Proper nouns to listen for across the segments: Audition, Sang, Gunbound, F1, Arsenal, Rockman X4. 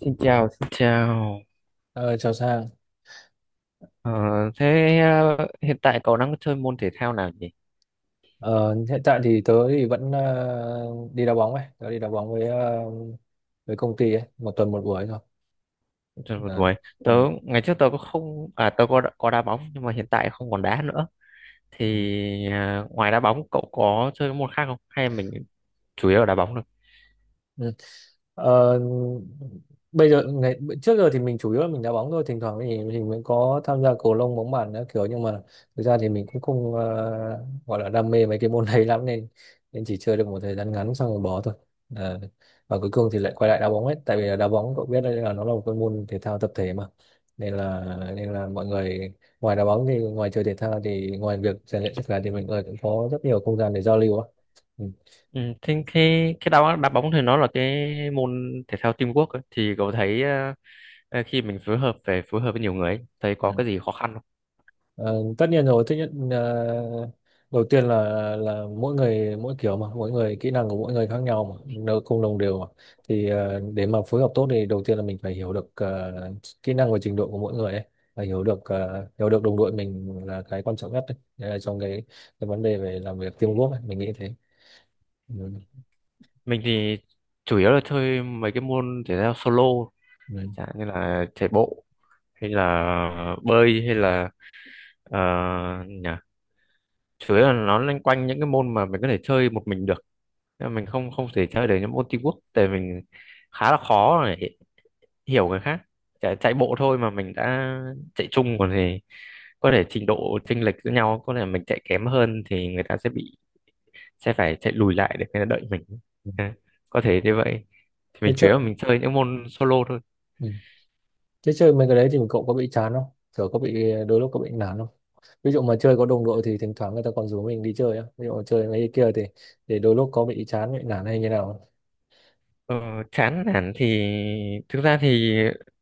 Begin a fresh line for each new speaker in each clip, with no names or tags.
Xin chào, xin chào.
Ờ, Chào Sang.
Ờ, hiện tại cậu đang chơi môn thể thao nào nhỉ?
Ờ, Hiện tại thì tớ thì vẫn đi đá bóng ấy, tớ đi đá bóng với công ty ấy, một tuần một buổi thôi.
Trời ơi,
Ờ,
Tuổi. Tớ
ừ.
ngày trước tớ có không à tớ có đá bóng nhưng mà hiện tại không còn đá nữa.
Ừ.
Ngoài đá bóng cậu có chơi môn khác không? Hay mình chủ yếu là đá bóng thôi?
Ừ. Ờ, Bây giờ ngày trước giờ thì mình chủ yếu là mình đá bóng thôi, thỉnh thoảng thì mình mới có tham gia cầu lông, bóng bàn nữa kiểu, nhưng mà thực ra thì mình cũng không gọi là đam mê mấy cái môn đấy lắm, nên nên chỉ chơi được một thời gian ngắn xong rồi bỏ thôi. Ờ, và cuối cùng thì lại quay lại đá bóng ấy, tại vì là đá bóng cậu biết đấy, là nó là một cái môn thể thao tập thể mà, nên là nên là mọi người, ngoài đá bóng thì, ngoài chơi thể thao thì, ngoài việc rèn luyện sức khỏe thì, mọi người cũng có rất nhiều không gian để giao lưu á. Ừ.
Ừ, thế cái đá đá bóng thì nó là cái môn thể thao teamwork ấy. Thì cậu thấy khi mình phối hợp phải phối hợp với nhiều người ấy, thấy có
Ừ.
cái gì khó khăn không?
Ờ, Tất nhiên rồi, tất nhiên đầu tiên là mỗi người mỗi kiểu mà, mỗi người kỹ năng của mỗi người khác nhau mà, nó không đồng đều mà. Thì để mà phối hợp tốt thì đầu tiên là mình phải hiểu được kỹ năng và trình độ của mỗi người ấy, và hiểu được đồng đội mình là cái quan trọng nhất đấy. Đấy là trong cái vấn đề về làm việc teamwork ấy, mình nghĩ thế. Ừ.
Mình thì chủ yếu là chơi mấy cái môn thể thao solo,
Ừ.
chẳng như là chạy bộ hay là bơi hay là ờ, nhỉ chủ yếu là nó loanh quanh những cái môn mà mình có thể chơi một mình được, nên mình không không thể chơi được những môn teamwork. Tại mình khá là khó để hiểu người khác. Chạy bộ thôi mà mình đã chạy chung, còn thì có thể trình độ chênh lệch giữa nhau, có thể mình chạy kém hơn thì người ta sẽ phải chạy lùi lại để người ta đợi mình. Ừ, có thể như vậy, thì
Thế
mình chủ
chơi,
yếu là mình chơi những môn solo thôi.
ừ. Thế chơi mấy cái đấy thì cậu có bị chán không? Kiểu có bị đôi lúc, có bị nản không? Ví dụ mà chơi có đồng đội thì thỉnh thoảng người ta còn rủ mình đi chơi á, ví dụ mà chơi mấy cái kia thì để đôi lúc có bị chán, bị nản hay như nào.
Ờ, chán nản thì thực ra thì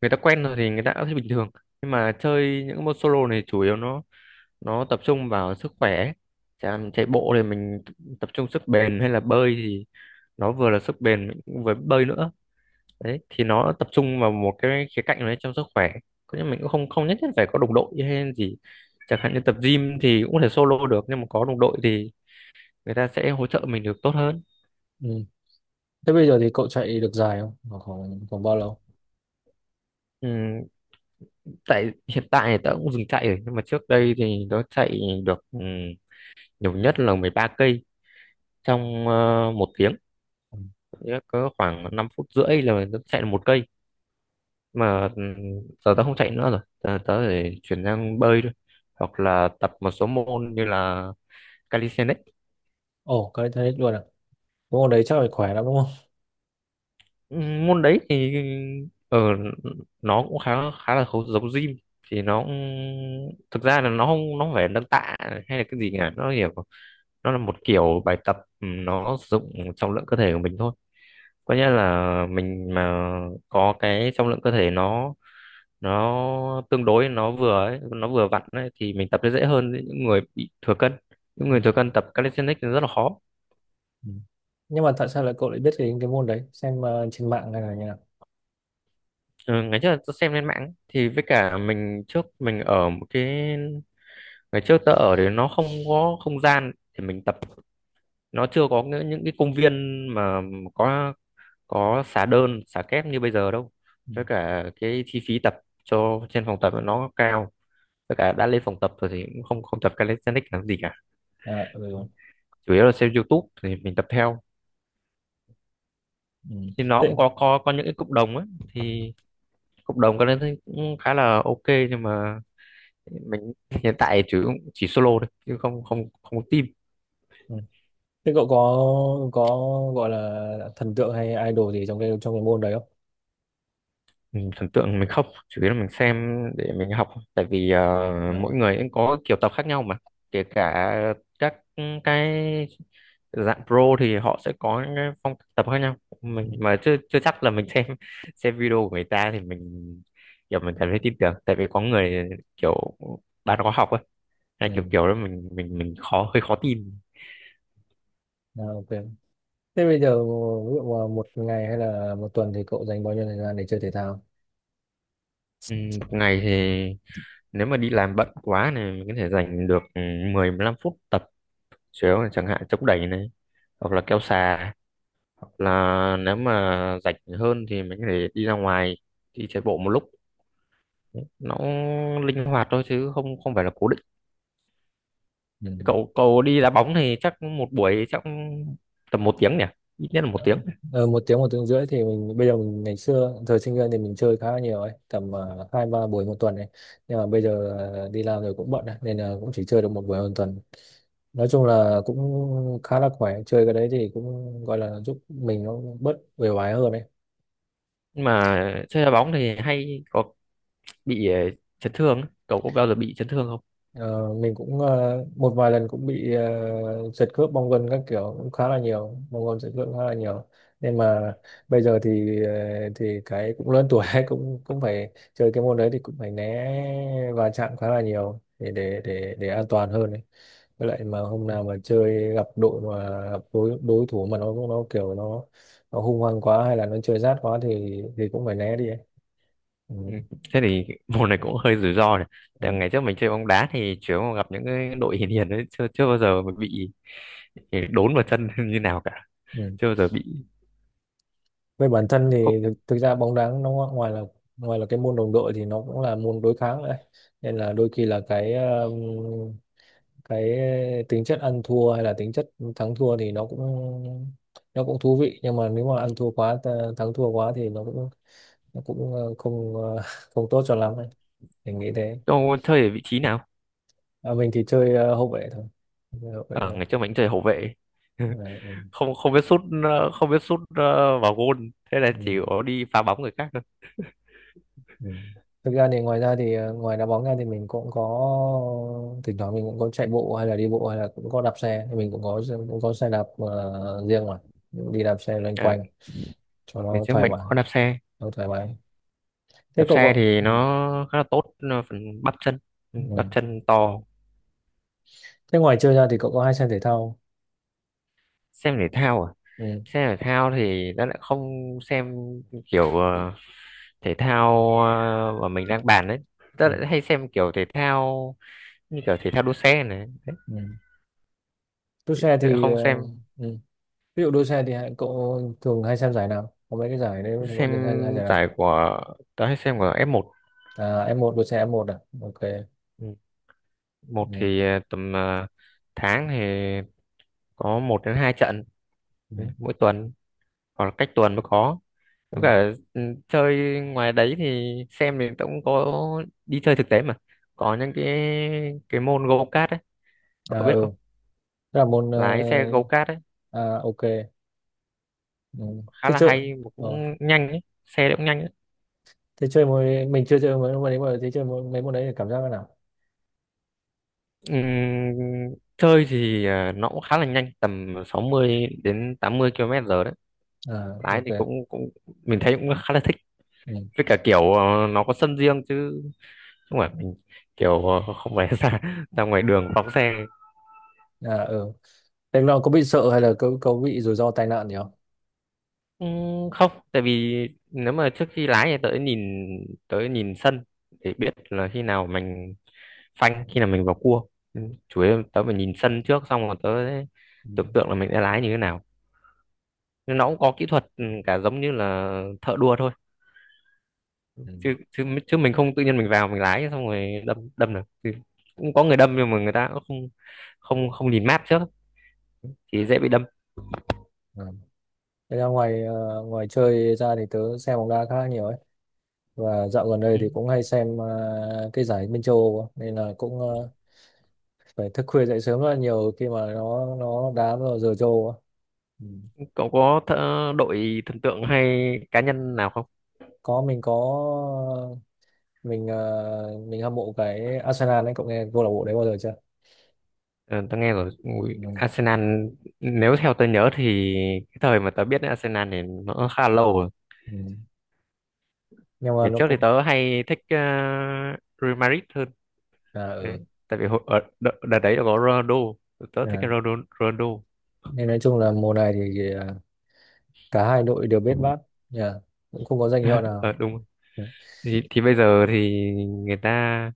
người ta quen rồi thì người ta cũng thấy bình thường, nhưng mà chơi những cái môn solo này chủ yếu nó tập trung vào sức khỏe. Chẳng chạy bộ thì mình tập trung sức bền, hay là bơi thì nó vừa là sức bền mình cũng vừa bơi nữa. Đấy thì nó tập trung vào một cái khía cạnh đấy trong sức khỏe. Có nhưng mình cũng không không nhất thiết phải có đồng đội hay gì, chẳng hạn như tập gym thì cũng có thể solo được, nhưng mà có đồng đội thì người ta sẽ hỗ trợ mình được tốt hơn.
Ừ. Thế bây giờ thì cậu chạy được dài không? Khoảng khoảng, khoảng bao lâu?
ừ, Tại hiện tại thì tớ cũng dừng chạy rồi, nhưng mà trước đây thì tớ chạy được nhiều nhất là 13 cây trong 1 tiếng.
Ừ.
Nghĩa là có khoảng 5 phút rưỡi là tớ chạy được 1 cây mà. Ừ, Giờ tớ không chạy nữa rồi, tớ để chuyển sang bơi thôi, hoặc là tập một số môn như là calisthenics.
Ồ, cái thế luôn à? Cái môn đấy chắc phải khỏe lắm đúng không?
Môn đấy thì ở nó cũng khá khá là giống gym thì thực ra là nó không phải nâng tạ hay là cái gì cả. Nó hiểu nó là một kiểu bài tập, nó sử dụng trọng lượng cơ thể của mình thôi. Có nghĩa là mình mà có cái trọng lượng cơ thể nó tương đối, nó vừa ấy, nó vừa vặn ấy, thì mình tập sẽ dễ hơn những người bị thừa cân. Những
Ừ.
người thừa cân tập calisthenics thì rất là khó.
Ừ. Nhưng mà tại sao cậu lại biết đến cái môn đấy, xem trên mạng hay là như nào?
Ừ, Ngày trước tôi xem lên mạng ấy, thì với cả mình trước mình ở một cái, ngày trước tớ ở thì nó không có không gian thì mình tập, nó chưa có những cái công viên mà có có xà đơn xà kép như bây giờ đâu.
Ừ.
Với cả cái chi phí tập cho trên phòng tập nó cao, với cả đã lên phòng tập rồi thì cũng không không tập calisthenics làm gì cả.
À, ừ. Ừ.
Chủ yếu là xem YouTube thì mình tập theo,
Ừ.
thì nó cũng
Thế,
có những cái cộng đồng ấy, thì cộng đồng calisthenics cũng khá là ok. Nhưng mà mình hiện tại chỉ solo thôi chứ không không không có team.
ừ. Thế cậu có, có gọi là thần tượng hay idol gì trong cái môn đấy không?
Mình thần tượng mình không, chủ yếu là mình xem để mình học, tại vì
Ờ.
mỗi người cũng có kiểu tập khác nhau mà. Kể cả các cái dạng pro thì họ sẽ có những cái phong cách tập khác nhau,
Ừ.
mình mà chưa chưa chắc là mình xem video của người ta thì mình kiểu mình cảm thấy tin tưởng. Tại vì có người kiểu bán khóa học ấy, hay
Ừ.
kiểu kiểu đó mình khó hơi khó tin.
À, ok. Thế bây giờ ví dụ mà một ngày hay là một tuần thì cậu dành bao nhiêu thời gian để chơi thể thao?
ừ, Một ngày thì nếu mà đi làm bận quá này mình có thể dành được 10 15 phút tập chéo này, chẳng hạn chống đẩy này, hoặc là kéo xà, hoặc là nếu mà rảnh hơn thì mình có thể đi ra ngoài đi chạy bộ một lúc. Nó linh hoạt thôi chứ không không phải là cố định.
Ừ.
Cậu cậu đi đá bóng thì chắc một buổi chắc tầm 1 tiếng nhỉ, ít nhất là 1 tiếng.
Ờ, Một tiếng một tiếng rưỡi thì mình, bây giờ mình ngày xưa thời sinh viên thì mình chơi khá là nhiều ấy, tầm hai ba buổi một tuần ấy. Nhưng mà bây giờ đi làm rồi cũng bận ấy, nên là cũng chỉ chơi được một buổi một tuần. Nói chung là cũng khá là khỏe, chơi cái đấy thì cũng gọi là giúp mình nó bớt uể oải hơn ấy.
Nhưng mà chơi đá bóng thì hay có bị chấn thương ấy. Cậu có bao giờ bị chấn thương không?
Ờ, mình cũng một vài lần cũng bị giật khớp bong gân các kiểu, cũng khá là nhiều, bong gân giật khớp khá là nhiều. Nên mà bây giờ thì thì cái cũng lớn tuổi cũng cũng phải chơi cái môn đấy thì cũng phải né va chạm khá là nhiều để an toàn hơn ấy. Với lại mà hôm nào mà chơi gặp đội, mà gặp đối đối thủ mà nó kiểu nó hung hăng quá hay là nó chơi rát quá thì cũng phải né đi ấy. Ừ.
Ừ. Thế thì môn này cũng hơi rủi ro này. Tại
Ừ.
ngày trước mình chơi bóng đá thì chủ yếu gặp những cái đội hiền hiền đấy, chưa chưa bao giờ mà bị đốn vào chân như nào cả.
Ừ.
Chưa bao giờ bị.
Về bản thân
cậu,
thì thực ra bóng đá nó ngoài là, ngoài là cái môn đồng đội thì nó cũng là môn đối kháng đấy, nên là đôi khi là cái tính chất ăn thua hay là tính chất thắng thua thì nó cũng thú vị, nhưng mà nếu mà ăn thua quá, thắng thua quá thì nó cũng không không tốt cho lắm ấy. Mình nghĩ thế.
Cậu chơi ở vị trí nào?
À, mình thì chơi hậu vệ thôi. Chơi hậu vệ
Ở
thôi.
ngày trước mình chơi hậu vệ.
À, ừ.
Không không biết sút không biết sút vào gôn. Thế là chỉ
Ừ.
có đi phá bóng người khác thôi.
Ừ. Thực ra thì ngoài ra thì ngoài đá bóng ra thì mình cũng có, thỉnh thoảng mình cũng có chạy bộ hay là đi bộ hay là cũng có đạp xe, thì mình cũng có xe đạp riêng mà đi đạp xe loanh
À,
quanh cho
ngày
nó
trước
thoải
mình
mái,
có đạp xe.
nó thoải mái thế
Đạp
cậu
xe
có.
thì
Ừ.
nó khá là tốt, nó phần bắp chân. Ừ, bắp
Ừ.
chân to.
Thế ngoài chơi ra thì cậu có hay xem thể thao?
Xem thể thao à?
Ừ.
Xem thể thao thì nó lại không xem kiểu thể thao mà mình đang bàn đấy, ta
Ừ.
lại hay xem kiểu thể thao như kiểu thể thao đua xe này đấy.
Ừ. Đua
Chứ
xe
chứ lại
thì
không xem.
ừ. Ví dụ đua xe thì cậu thường hay xem giải nào? Có mấy cái giải đấy thì cậu
Xem
thường hay hay giải nào?
giải của, tớ hay xem của F1.
À, F1 đua xe f một. À, ok.
Ừ. Một
Ừ.
thì tầm tháng thì có một đến hai trận
Ừ.
đấy, mỗi tuần hoặc là cách tuần mới có.
Ừ.
Với cả chơi ngoài đấy thì xem thì tớ cũng có đi chơi thực tế mà, có những cái môn go kart ấy,
À,
cậu biết
ừ.
không?
Thế là môn
Lái xe go kart ấy
à, ok. Ừ.
khá
thế
là
chơi
hay mà
ờ.
cũng nhanh ấy, xe cũng nhanh ấy.
thế chơi môn Mình chưa chơi mấy môn đấy mà. Mấy môn đấy thì cảm giác thế nào?
Chơi thì à, nó cũng khá là nhanh tầm 60 đến 80 km giờ đấy.
À,
Lái
ok.
thì cũng cũng mình thấy cũng khá là thích.
Ừ.
Với cả kiểu nó có sân riêng chứ không phải mình kiểu không phải ra ra ngoài đường phóng xe.
À, ừ. Thế là có bị sợ hay là, có bị rủi ro tai nạn gì không?
Ừ, không. Tại vì nếu mà trước khi lái thì tớ nhìn, tớ nhìn sân để biết là khi nào mình phanh, khi nào mình vào cua. Ừ, chủ yếu tớ phải nhìn sân trước xong rồi tớ sẽ
Ừ.
tưởng tượng là mình sẽ lái như thế nào. Nhưng nó cũng có kỹ thuật, cả giống như là thợ đua thôi. chứ
Ừ.
chứ chứ mình không tự nhiên mình vào mình lái xong rồi đâm đâm được thì. Cũng có người đâm nhưng mà người ta cũng không không không nhìn map trước thì dễ bị đâm.
Ừ. Thế là ngoài chơi ra thì tớ xem bóng đá khá là nhiều ấy. Và dạo gần đây
Ừ.
thì cũng hay xem cái giải bên châu Âu á. Nên là cũng phải thức khuya dậy sớm rất là nhiều, khi mà nó đá vào giờ châu Âu á. Ừ.
cậu có thợ, đội thần tượng hay cá nhân nào không?
Có, mình có, mình hâm mộ cái Arsenal đấy, cậu nghe câu lạc bộ đấy bao giờ chưa?
Ờ, tớ nghe rồi. Ui,
Ừ.
Arsenal, nếu theo tớ nhớ thì cái thời mà tớ biết đến Arsenal thì nó khá là lâu rồi.
Ừ. Nhưng mà
Ngày
nó
trước thì
cũng.
tớ hay thích Real Madrid hơn
À,
đấy,
ừ.
tại vì ở đợt đấy có Ronaldo, tớ thích
À.
Ronaldo. Ronaldo.
Nên nói chung là mùa này thì cả hai đội đều bết bát. Nhà, cũng không có danh hiệu nào.
Ờ, đúng.
Dạ.
Thì bây giờ thì người ta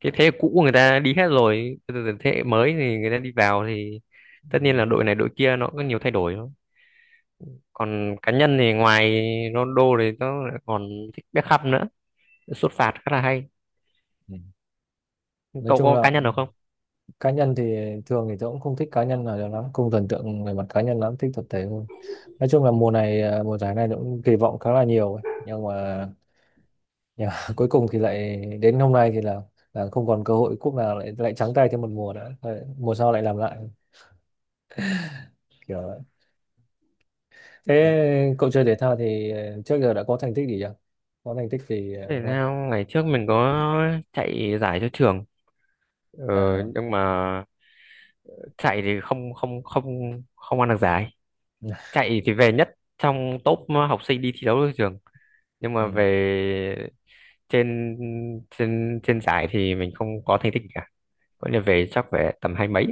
cái thế hệ cũ người ta đi hết rồi, bây giờ thế hệ mới thì người ta đi vào, thì
Ừ.
tất nhiên là đội này đội kia nó có nhiều thay đổi thôi. Còn cá nhân thì ngoài Ronaldo thì tớ lại còn thích Beckham nữa, sút phạt khá là hay.
Ừ. Nói
Cậu
chung
có
là
cá nhân được không?
cá nhân thì, thường thì tôi cũng không thích cá nhân nào cho lắm, không thần tượng về mặt cá nhân lắm, thích tập thể hơn. Nói chung là mùa này mùa giải này tôi cũng kỳ vọng khá là nhiều ấy. Nhưng mà cuối cùng thì lại đến hôm nay thì là không còn cơ hội cúp nào, lại lại trắng tay thêm một mùa nữa. Mùa sau lại làm lại kiểu vậy.
Ừ.
Thế cậu chơi thể thao thì trước giờ đã có thành tích gì chưa? Có thành tích gì
Thể
không?
thao ngày trước mình có chạy giải cho trường ờ,
À,
nhưng mà chạy thì không không không không ăn được giải. Chạy thì về nhất trong top học sinh đi thi đấu ở trường, nhưng mà
ừ,
về trên trên trên giải thì mình không có thành tích cả. Vậy là về chắc phải tầm hai mấy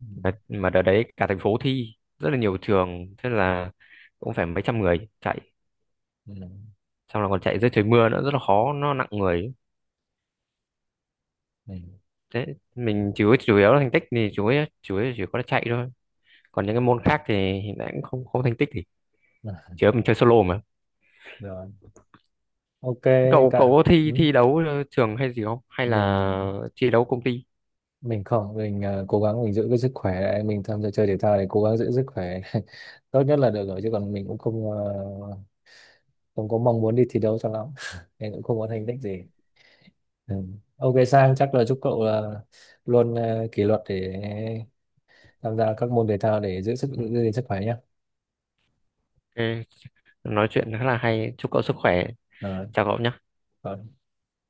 ừ,
mà, đợt đấy cả thành phố thi rất là nhiều trường, thế là cũng phải mấy trăm người chạy,
ừ,
xong là còn chạy dưới trời mưa nữa rất là khó, nó nặng người.
ừ, ừ.
Thế mình chủ chủ yếu là thành tích thì chủ yếu chỉ có là chạy thôi. Còn những cái môn khác thì hiện tại cũng không không thành tích thì
À,
chỉ có mình chơi solo mà.
rồi, ok.
Cậu
Cả,
cậu có thi
ừ.
thi đấu trường hay gì không? Hay là
mình
thi đấu công ty?
mình không, cố gắng mình giữ cái sức khỏe lại. Mình tham gia chơi thể thao thì cố gắng giữ sức khỏe tốt nhất là được rồi, chứ còn mình cũng không không có mong muốn đi thi đấu cho lắm. Nên cũng không có thành tích gì. Ừ. Ok Sang, chắc là chúc cậu là luôn kỷ luật để tham gia các môn thể thao để giữ sức,
Ừ,
giữ gìn sức khỏe nhé.
ok, nói chuyện khá là hay. Chúc cậu sức khỏe.
Rồi,
Chào cậu nhé.
rồi.